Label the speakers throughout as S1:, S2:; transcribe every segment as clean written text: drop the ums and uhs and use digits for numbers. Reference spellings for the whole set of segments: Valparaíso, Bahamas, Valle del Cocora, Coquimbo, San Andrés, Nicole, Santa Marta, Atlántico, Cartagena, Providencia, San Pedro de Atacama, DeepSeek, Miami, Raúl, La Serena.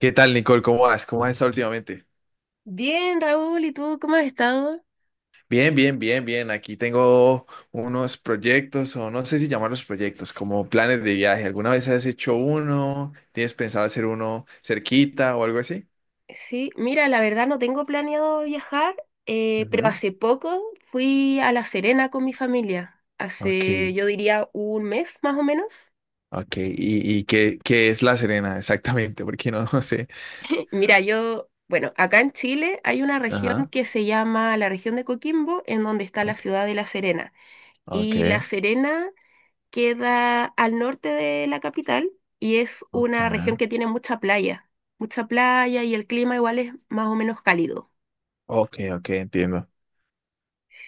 S1: ¿Qué tal, Nicole? ¿Cómo vas? ¿Cómo has estado últimamente?
S2: Bien, Raúl, ¿y tú cómo has estado?
S1: Bien, bien, bien, bien. Aquí tengo unos proyectos, o no sé si llamarlos proyectos, como planes de viaje. ¿Alguna vez has hecho uno? ¿Tienes pensado hacer uno cerquita o algo así?
S2: Sí, mira, la verdad no tengo planeado viajar, pero
S1: Ujú.
S2: hace poco fui a La Serena con mi familia,
S1: Ok,
S2: hace yo diría un mes más o menos.
S1: ok. ¿Y qué es La Serena exactamente? Porque no, no sé.
S2: Mira, yo, bueno, acá en Chile hay una región
S1: Ajá.
S2: que se llama la región de Coquimbo, en donde está la
S1: Ok,
S2: ciudad de La Serena.
S1: ok,
S2: Y La Serena queda al norte de la capital y es
S1: ok.
S2: una región que tiene mucha playa y el clima igual es más o menos cálido.
S1: Ok, ok, entiendo.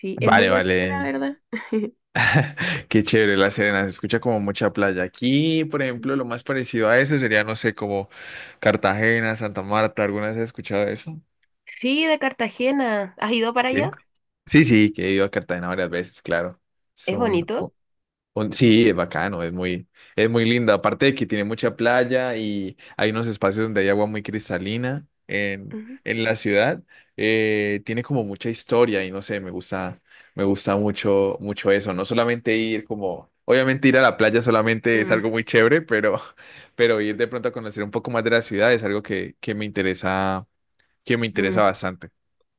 S2: Sí, es muy
S1: Vale,
S2: bonito, la
S1: vale.
S2: verdad.
S1: Qué chévere La Serena, se escucha como mucha playa. Aquí, por ejemplo, lo más parecido a eso sería, no sé, como Cartagena, Santa Marta. ¿Alguna vez has escuchado eso?
S2: Sí, de Cartagena. ¿Has ido para allá?
S1: Sí. Sí, sí, que he ido a Cartagena varias veces, claro. Es
S2: ¿Es
S1: un,
S2: bonito?
S1: Sí, es bacano, es muy lindo. Aparte de que tiene mucha playa y hay unos espacios donde hay agua muy cristalina
S2: Ujú.
S1: en la ciudad, tiene como mucha historia y no sé, me gusta mucho, mucho eso. No solamente ir como, obviamente ir a la playa solamente es
S2: Mm,
S1: algo muy chévere, pero ir de pronto a conocer un poco más de la ciudad es algo que me interesa
S2: mm.
S1: bastante.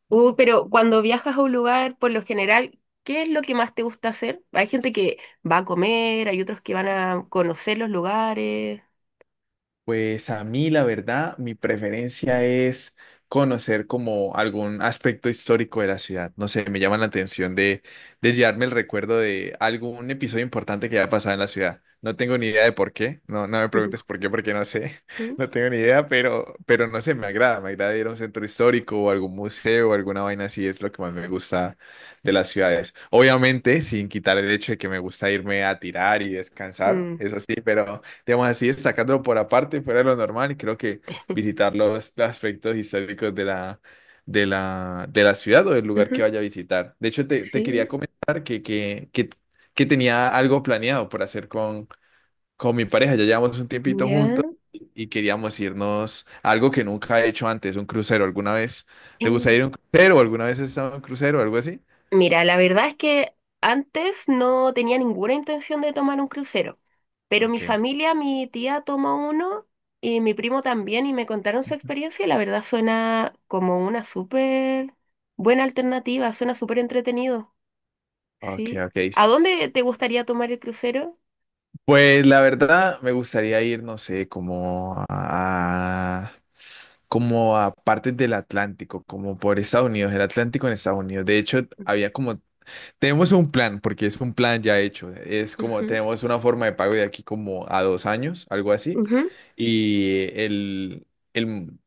S2: Pero cuando viajas a un lugar, por lo general, ¿qué es lo que más te gusta hacer? Hay gente que va a comer, hay otros que van a conocer los lugares.
S1: Pues a mí, la verdad, mi preferencia es conocer como algún aspecto histórico de la ciudad. No sé, me llama la atención de llevarme el recuerdo de algún episodio importante que haya pasado en la ciudad. No tengo ni idea de por qué. No, no me
S2: Ujú.
S1: preguntes por qué, porque no sé. No tengo ni idea, pero no sé, me agrada. Me agrada ir a un centro histórico o algún museo o alguna vaina así. Es lo que más me gusta de las ciudades. Obviamente, sin quitar el hecho de que me gusta irme a tirar y descansar,
S2: Mm,
S1: eso sí, pero digamos así, sacándolo por aparte, fuera de lo normal, y creo que visitar los aspectos históricos de la ciudad o del lugar que
S2: ujú.
S1: vaya a visitar. De hecho, te quería
S2: Sí,
S1: comentar que tenía algo planeado por hacer con mi pareja. Ya llevamos un tiempito
S2: ya.
S1: juntos y queríamos irnos a algo que nunca he hecho antes, un crucero. ¿Alguna vez te gustaría ir a un crucero? O ¿alguna vez has estado en un crucero o algo así?
S2: Mira, la verdad es que antes no tenía ninguna intención de tomar un crucero, pero mi
S1: Ok.
S2: familia, mi tía tomó uno y mi primo también y me contaron su
S1: Ujú.
S2: experiencia y la verdad suena como una súper buena alternativa, suena súper entretenido,
S1: Ok,
S2: ¿sí?
S1: ok.
S2: ¿A dónde te gustaría tomar el crucero?
S1: Pues la verdad me gustaría ir, no sé, como a partes del Atlántico, como por Estados Unidos, el Atlántico en Estados Unidos. De hecho, había como, tenemos un plan, porque es un plan ya hecho. Es como,
S2: Ujú,
S1: tenemos una forma de pago de aquí como a dos años, algo así.
S2: ujú.
S1: Y el, el,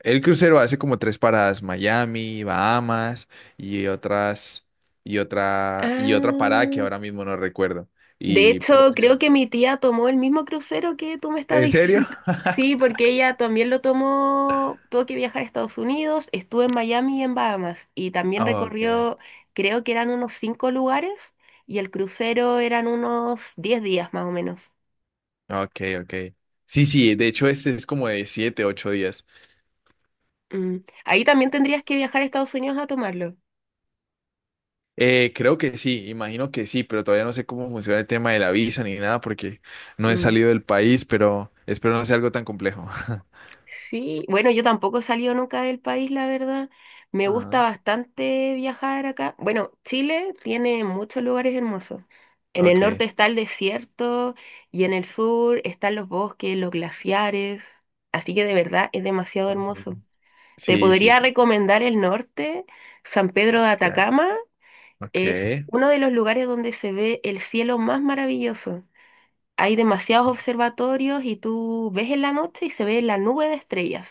S1: el crucero hace como tres paradas, Miami, Bahamas y otras, y otra parada que
S2: Ah,
S1: ahora mismo no recuerdo.
S2: de
S1: Y
S2: hecho,
S1: podemos
S2: creo
S1: llevar.
S2: que mi tía tomó el mismo crucero que tú me estás
S1: ¿En
S2: diciendo.
S1: serio?
S2: Sí, porque ella también lo tomó, tuvo que viajar a Estados Unidos, estuvo en Miami y en Bahamas, y también
S1: Ah, okay.
S2: recorrió, creo que eran unos cinco lugares, y el crucero eran unos 10 días más o menos.
S1: Ah, okay, okay. Sí, sí, de hecho este es como de siete, ocho días.
S2: Mm. Ahí también tendrías que viajar a Estados Unidos a tomarlo.
S1: Creo que sí, imagino que sí, pero todavía no sé cómo funciona el tema de la visa ni nada porque no he
S2: Mm.
S1: salido del país, pero espero no sea algo tan complejo.
S2: Sí, bueno, yo tampoco he salido nunca del país, la verdad. Me
S1: Ah,
S2: gusta bastante viajar acá. Bueno, Chile tiene muchos lugares hermosos. En el norte
S1: okay,
S2: está el desierto y en el sur están los bosques, los glaciares. Así que de verdad es demasiado
S1: okay.
S2: hermoso. Te
S1: Sí, sí,
S2: podría
S1: sí.
S2: recomendar el norte, San Pedro de
S1: cla-
S2: Atacama. Es
S1: Okay,
S2: uno de los lugares donde se ve el cielo más maravilloso. Hay demasiados observatorios y tú ves en la noche y se ve la nube de estrellas.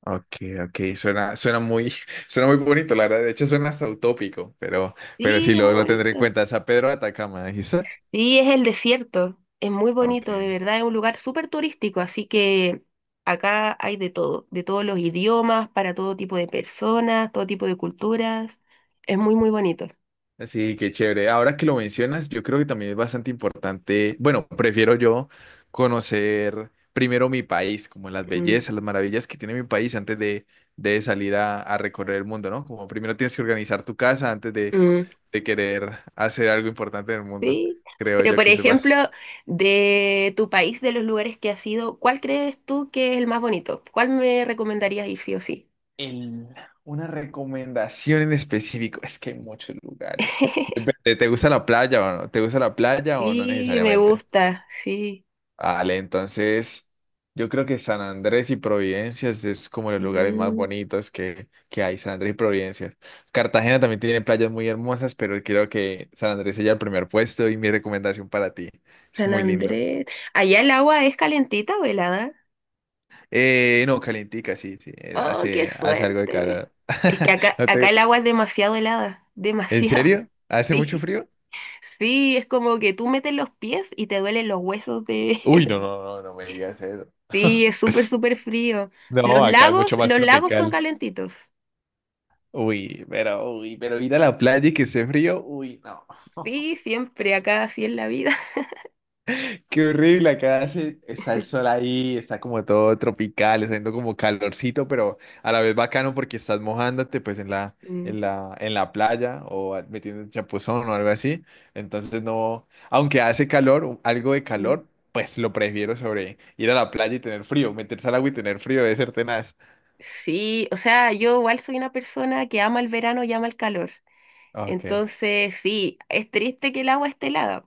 S1: okay, okay. Suena muy, suena muy bonito, la verdad. De hecho, suena hasta utópico, pero
S2: Sí,
S1: sí,
S2: es muy
S1: lo tendré en
S2: bonito.
S1: cuenta. San Pedro de Atacama, dijiste.
S2: Sí, es el desierto. Es muy bonito, de
S1: Okay.
S2: verdad, es un lugar súper turístico, así que acá hay de todo, de todos los idiomas, para todo tipo de personas, todo tipo de culturas. Es muy, muy bonito.
S1: Sí, qué chévere. Ahora que lo mencionas, yo creo que también es bastante importante, bueno, prefiero yo conocer primero mi país, como las
S2: Mm,
S1: bellezas, las maravillas que tiene mi país antes de salir a recorrer el mundo, ¿no? Como primero tienes que organizar tu casa antes
S2: mm,
S1: de querer hacer algo importante en el mundo.
S2: sí.
S1: Creo
S2: Pero,
S1: yo
S2: por
S1: que se basa.
S2: ejemplo, de tu país, de los lugares que has ido, ¿cuál crees tú que es el más bonito? ¿Cuál me recomendarías ir sí o sí?
S1: El, una recomendación en específico, es que hay muchos lugares. Depende, ¿te gusta la playa o no? ¿Te gusta la playa o no
S2: Sí, me
S1: necesariamente?
S2: gusta, sí.
S1: Vale, entonces yo creo que San Andrés y Providencia es como los lugares más
S2: Mm.
S1: bonitos que hay, San Andrés y Providencia. Cartagena también tiene playas muy hermosas, pero creo que San Andrés sería el primer puesto y mi recomendación para ti. Es
S2: San
S1: muy lindo.
S2: Andrés. Allá el agua es calentita o helada.
S1: No, calientica, sí, sí,
S2: Oh, qué
S1: hace algo de
S2: suerte.
S1: calor.
S2: Es que acá,
S1: No
S2: acá
S1: te-
S2: el agua es demasiado helada.
S1: ¿En
S2: Demasiado,
S1: serio? ¿Hace mucho
S2: sí.
S1: frío?
S2: Sí, es como que tú metes los pies y te duelen los huesos de...
S1: Uy, no, no, no, no me digas eso.
S2: Sí, es súper, súper frío.
S1: No, acá es mucho más
S2: Los lagos son
S1: tropical.
S2: calentitos.
S1: Uy, pero ir a la playa y que esté frío, uy, no.
S2: Sí, siempre, acá así es la vida.
S1: Qué horrible, acá hace, está el sol ahí, está como todo tropical, está haciendo como calorcito, pero a la vez bacano porque estás mojándote pues
S2: Mm,
S1: en la playa o metiendo un chapuzón o algo así. Entonces no, aunque hace calor, algo de
S2: mm.
S1: calor, pues lo prefiero sobre ir a la playa y tener frío, meterse al agua y tener frío, debe ser tenaz.
S2: Sí, o sea, yo igual soy una persona que ama el verano y ama el calor.
S1: Ok.
S2: Entonces, sí, es triste que el agua esté helada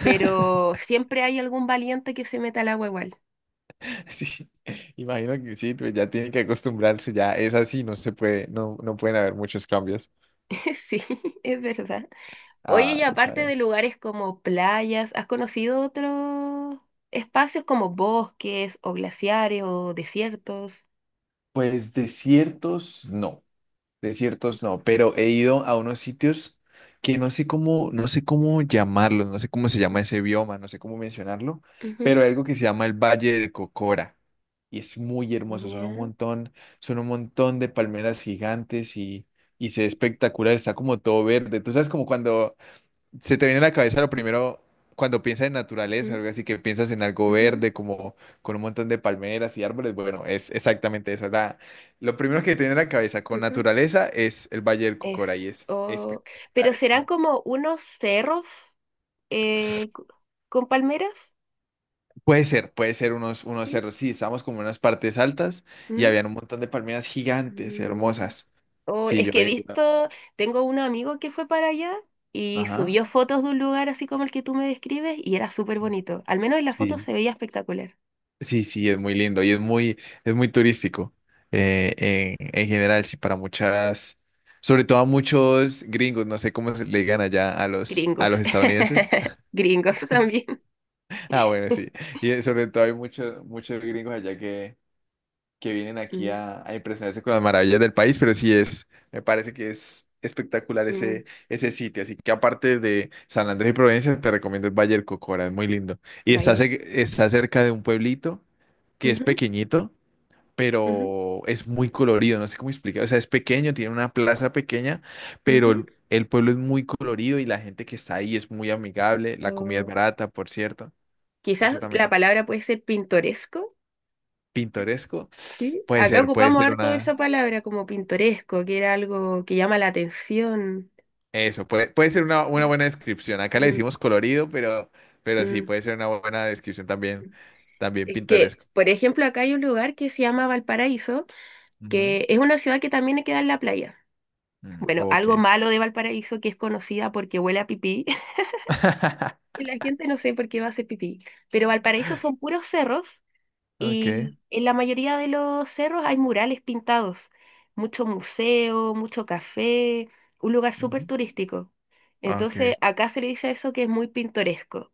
S2: pero siempre hay algún valiente que se meta al agua igual.
S1: Sí, imagino que sí, pues ya tienen que acostumbrarse, ya es así, no se puede, no, no pueden haber muchos cambios.
S2: Sí, es verdad. Oye,
S1: Ah,
S2: y aparte de lugares como playas, ¿has conocido otros espacios como bosques o glaciares o desiertos?
S1: pues desiertos no, pero he ido a unos sitios que no sé cómo, no sé cómo llamarlos, no sé cómo se llama ese bioma, no sé cómo mencionarlo, pero
S2: Ujú,
S1: hay algo que se llama el Valle del Cocora y es muy hermoso,
S2: ya.
S1: son un montón de palmeras gigantes y se ve espectacular, está como todo verde. Tú sabes como cuando se te viene a la cabeza lo primero cuando piensas en naturaleza,
S2: Ujú,
S1: algo así que piensas en algo
S2: ujú,
S1: verde, como con un montón de palmeras y árboles. Bueno, es exactamente eso. Lo primero que te viene a la cabeza con
S2: ujú,
S1: naturaleza es el Valle del
S2: eso.
S1: Cocora y es
S2: O- Pero
S1: espectacular. Es
S2: serán como unos cerros eh, co- con palmeras,
S1: Puede ser, puede ser unos, unos
S2: ¿sí?
S1: cerros. Sí, estábamos como en unas partes altas y
S2: Mm,
S1: habían un montón de palmeras gigantes,
S2: mm.
S1: hermosas.
S2: Oh,
S1: Sí,
S2: es
S1: yo
S2: que he
S1: he ido.
S2: visto, tengo un amigo que fue para allá y
S1: Ajá.
S2: subió fotos de un lugar así como el que tú me describes y era súper bonito. Al menos en la foto
S1: Sí.
S2: se veía espectacular.
S1: Sí, sí, es muy lindo y es muy turístico, en general, sí, para muchas, sobre todo a muchos gringos, no sé cómo se le digan allá a a los
S2: Gringos.
S1: estadounidenses.
S2: Gringos también.
S1: Ah, bueno, sí, y sobre todo hay muchos, muchos gringos allá que vienen aquí
S2: Mm,
S1: a impresionarse con las maravillas del país, pero sí es, me parece que es espectacular
S2: mm,
S1: ese, ese sitio, así que aparte de San Andrés y Providencia, te recomiendo el Valle del Cocora, es muy lindo. Y está,
S2: baile.
S1: está cerca de un pueblito que es
S2: Ujú,
S1: pequeñito
S2: ujú,
S1: pero es muy colorido, no sé cómo explicar. O sea, es pequeño, tiene una plaza pequeña, pero
S2: ujú.
S1: el pueblo es muy colorido y la gente que está ahí es muy amigable. La comida es
S2: O
S1: barata, por cierto.
S2: quizás
S1: Eso también
S2: la
S1: es
S2: palabra puede ser pintoresco,
S1: pintoresco.
S2: ¿sí? Acá
S1: Puede
S2: ocupamos
S1: ser
S2: harto
S1: una...
S2: esa palabra como pintoresco, que era algo que llama la atención.
S1: Eso, puede, puede ser una
S2: Mm,
S1: buena descripción. Acá le
S2: mm.
S1: decimos colorido, pero sí,
S2: Mm.
S1: puede ser una buena descripción también, también
S2: Que,
S1: pintoresco.
S2: por ejemplo, acá hay un lugar que se llama Valparaíso,
S1: Ujú.
S2: que es una ciudad que también queda en la playa.
S1: Mm,
S2: Bueno,
S1: ok.
S2: algo malo de Valparaíso que es conocida porque huele a pipí. Y la gente no sé por qué va a hacer pipí. Pero Valparaíso son puros cerros
S1: Ok.
S2: y en la mayoría de los cerros hay murales pintados. Mucho museo, mucho café, un lugar súper
S1: Ujú.
S2: turístico. Entonces,
S1: Ok,
S2: acá se le dice a eso que es muy pintoresco.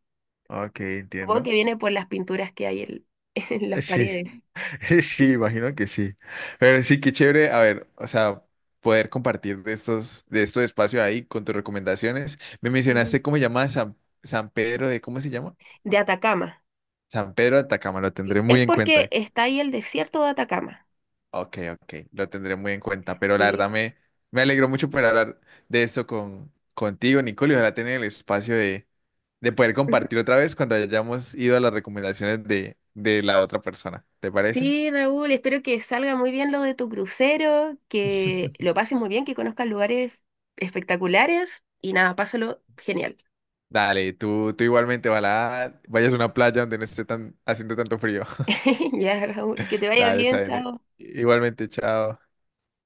S1: ok,
S2: Supongo que
S1: entiendo.
S2: viene por las pinturas que hay en, en las
S1: Sí,
S2: paredes.
S1: sí, imagino que sí. Pero sí, qué chévere, a ver, o sea, poder compartir de estos espacios ahí con tus recomendaciones. Me
S2: Ujú.
S1: mencionaste cómo se llama San, San Pedro de, ¿cómo se llama?
S2: De Atacama.
S1: San Pedro de Atacama, lo tendré muy
S2: Es
S1: en
S2: porque
S1: cuenta.
S2: está ahí el desierto de Atacama.
S1: Ok, ok, lo tendré muy en cuenta, pero
S2: Sí.
S1: me alegró mucho poder hablar de esto con, contigo, Nicole, y ojalá tener el espacio de poder
S2: Ujú.
S1: compartir otra vez cuando hayamos ido a las recomendaciones de la otra persona. ¿Te parece?
S2: Sí, Raúl, espero que salga muy bien lo de tu crucero, que lo pases muy bien, que conozcas lugares espectaculares y nada, pásalo genial.
S1: Dale, tú igualmente, ojalá vayas a una playa donde no esté tan, haciendo tanto frío.
S2: Ya, Raúl, que te vaya
S1: Dale, está
S2: bien,
S1: bien.
S2: chao.
S1: Igualmente, chao.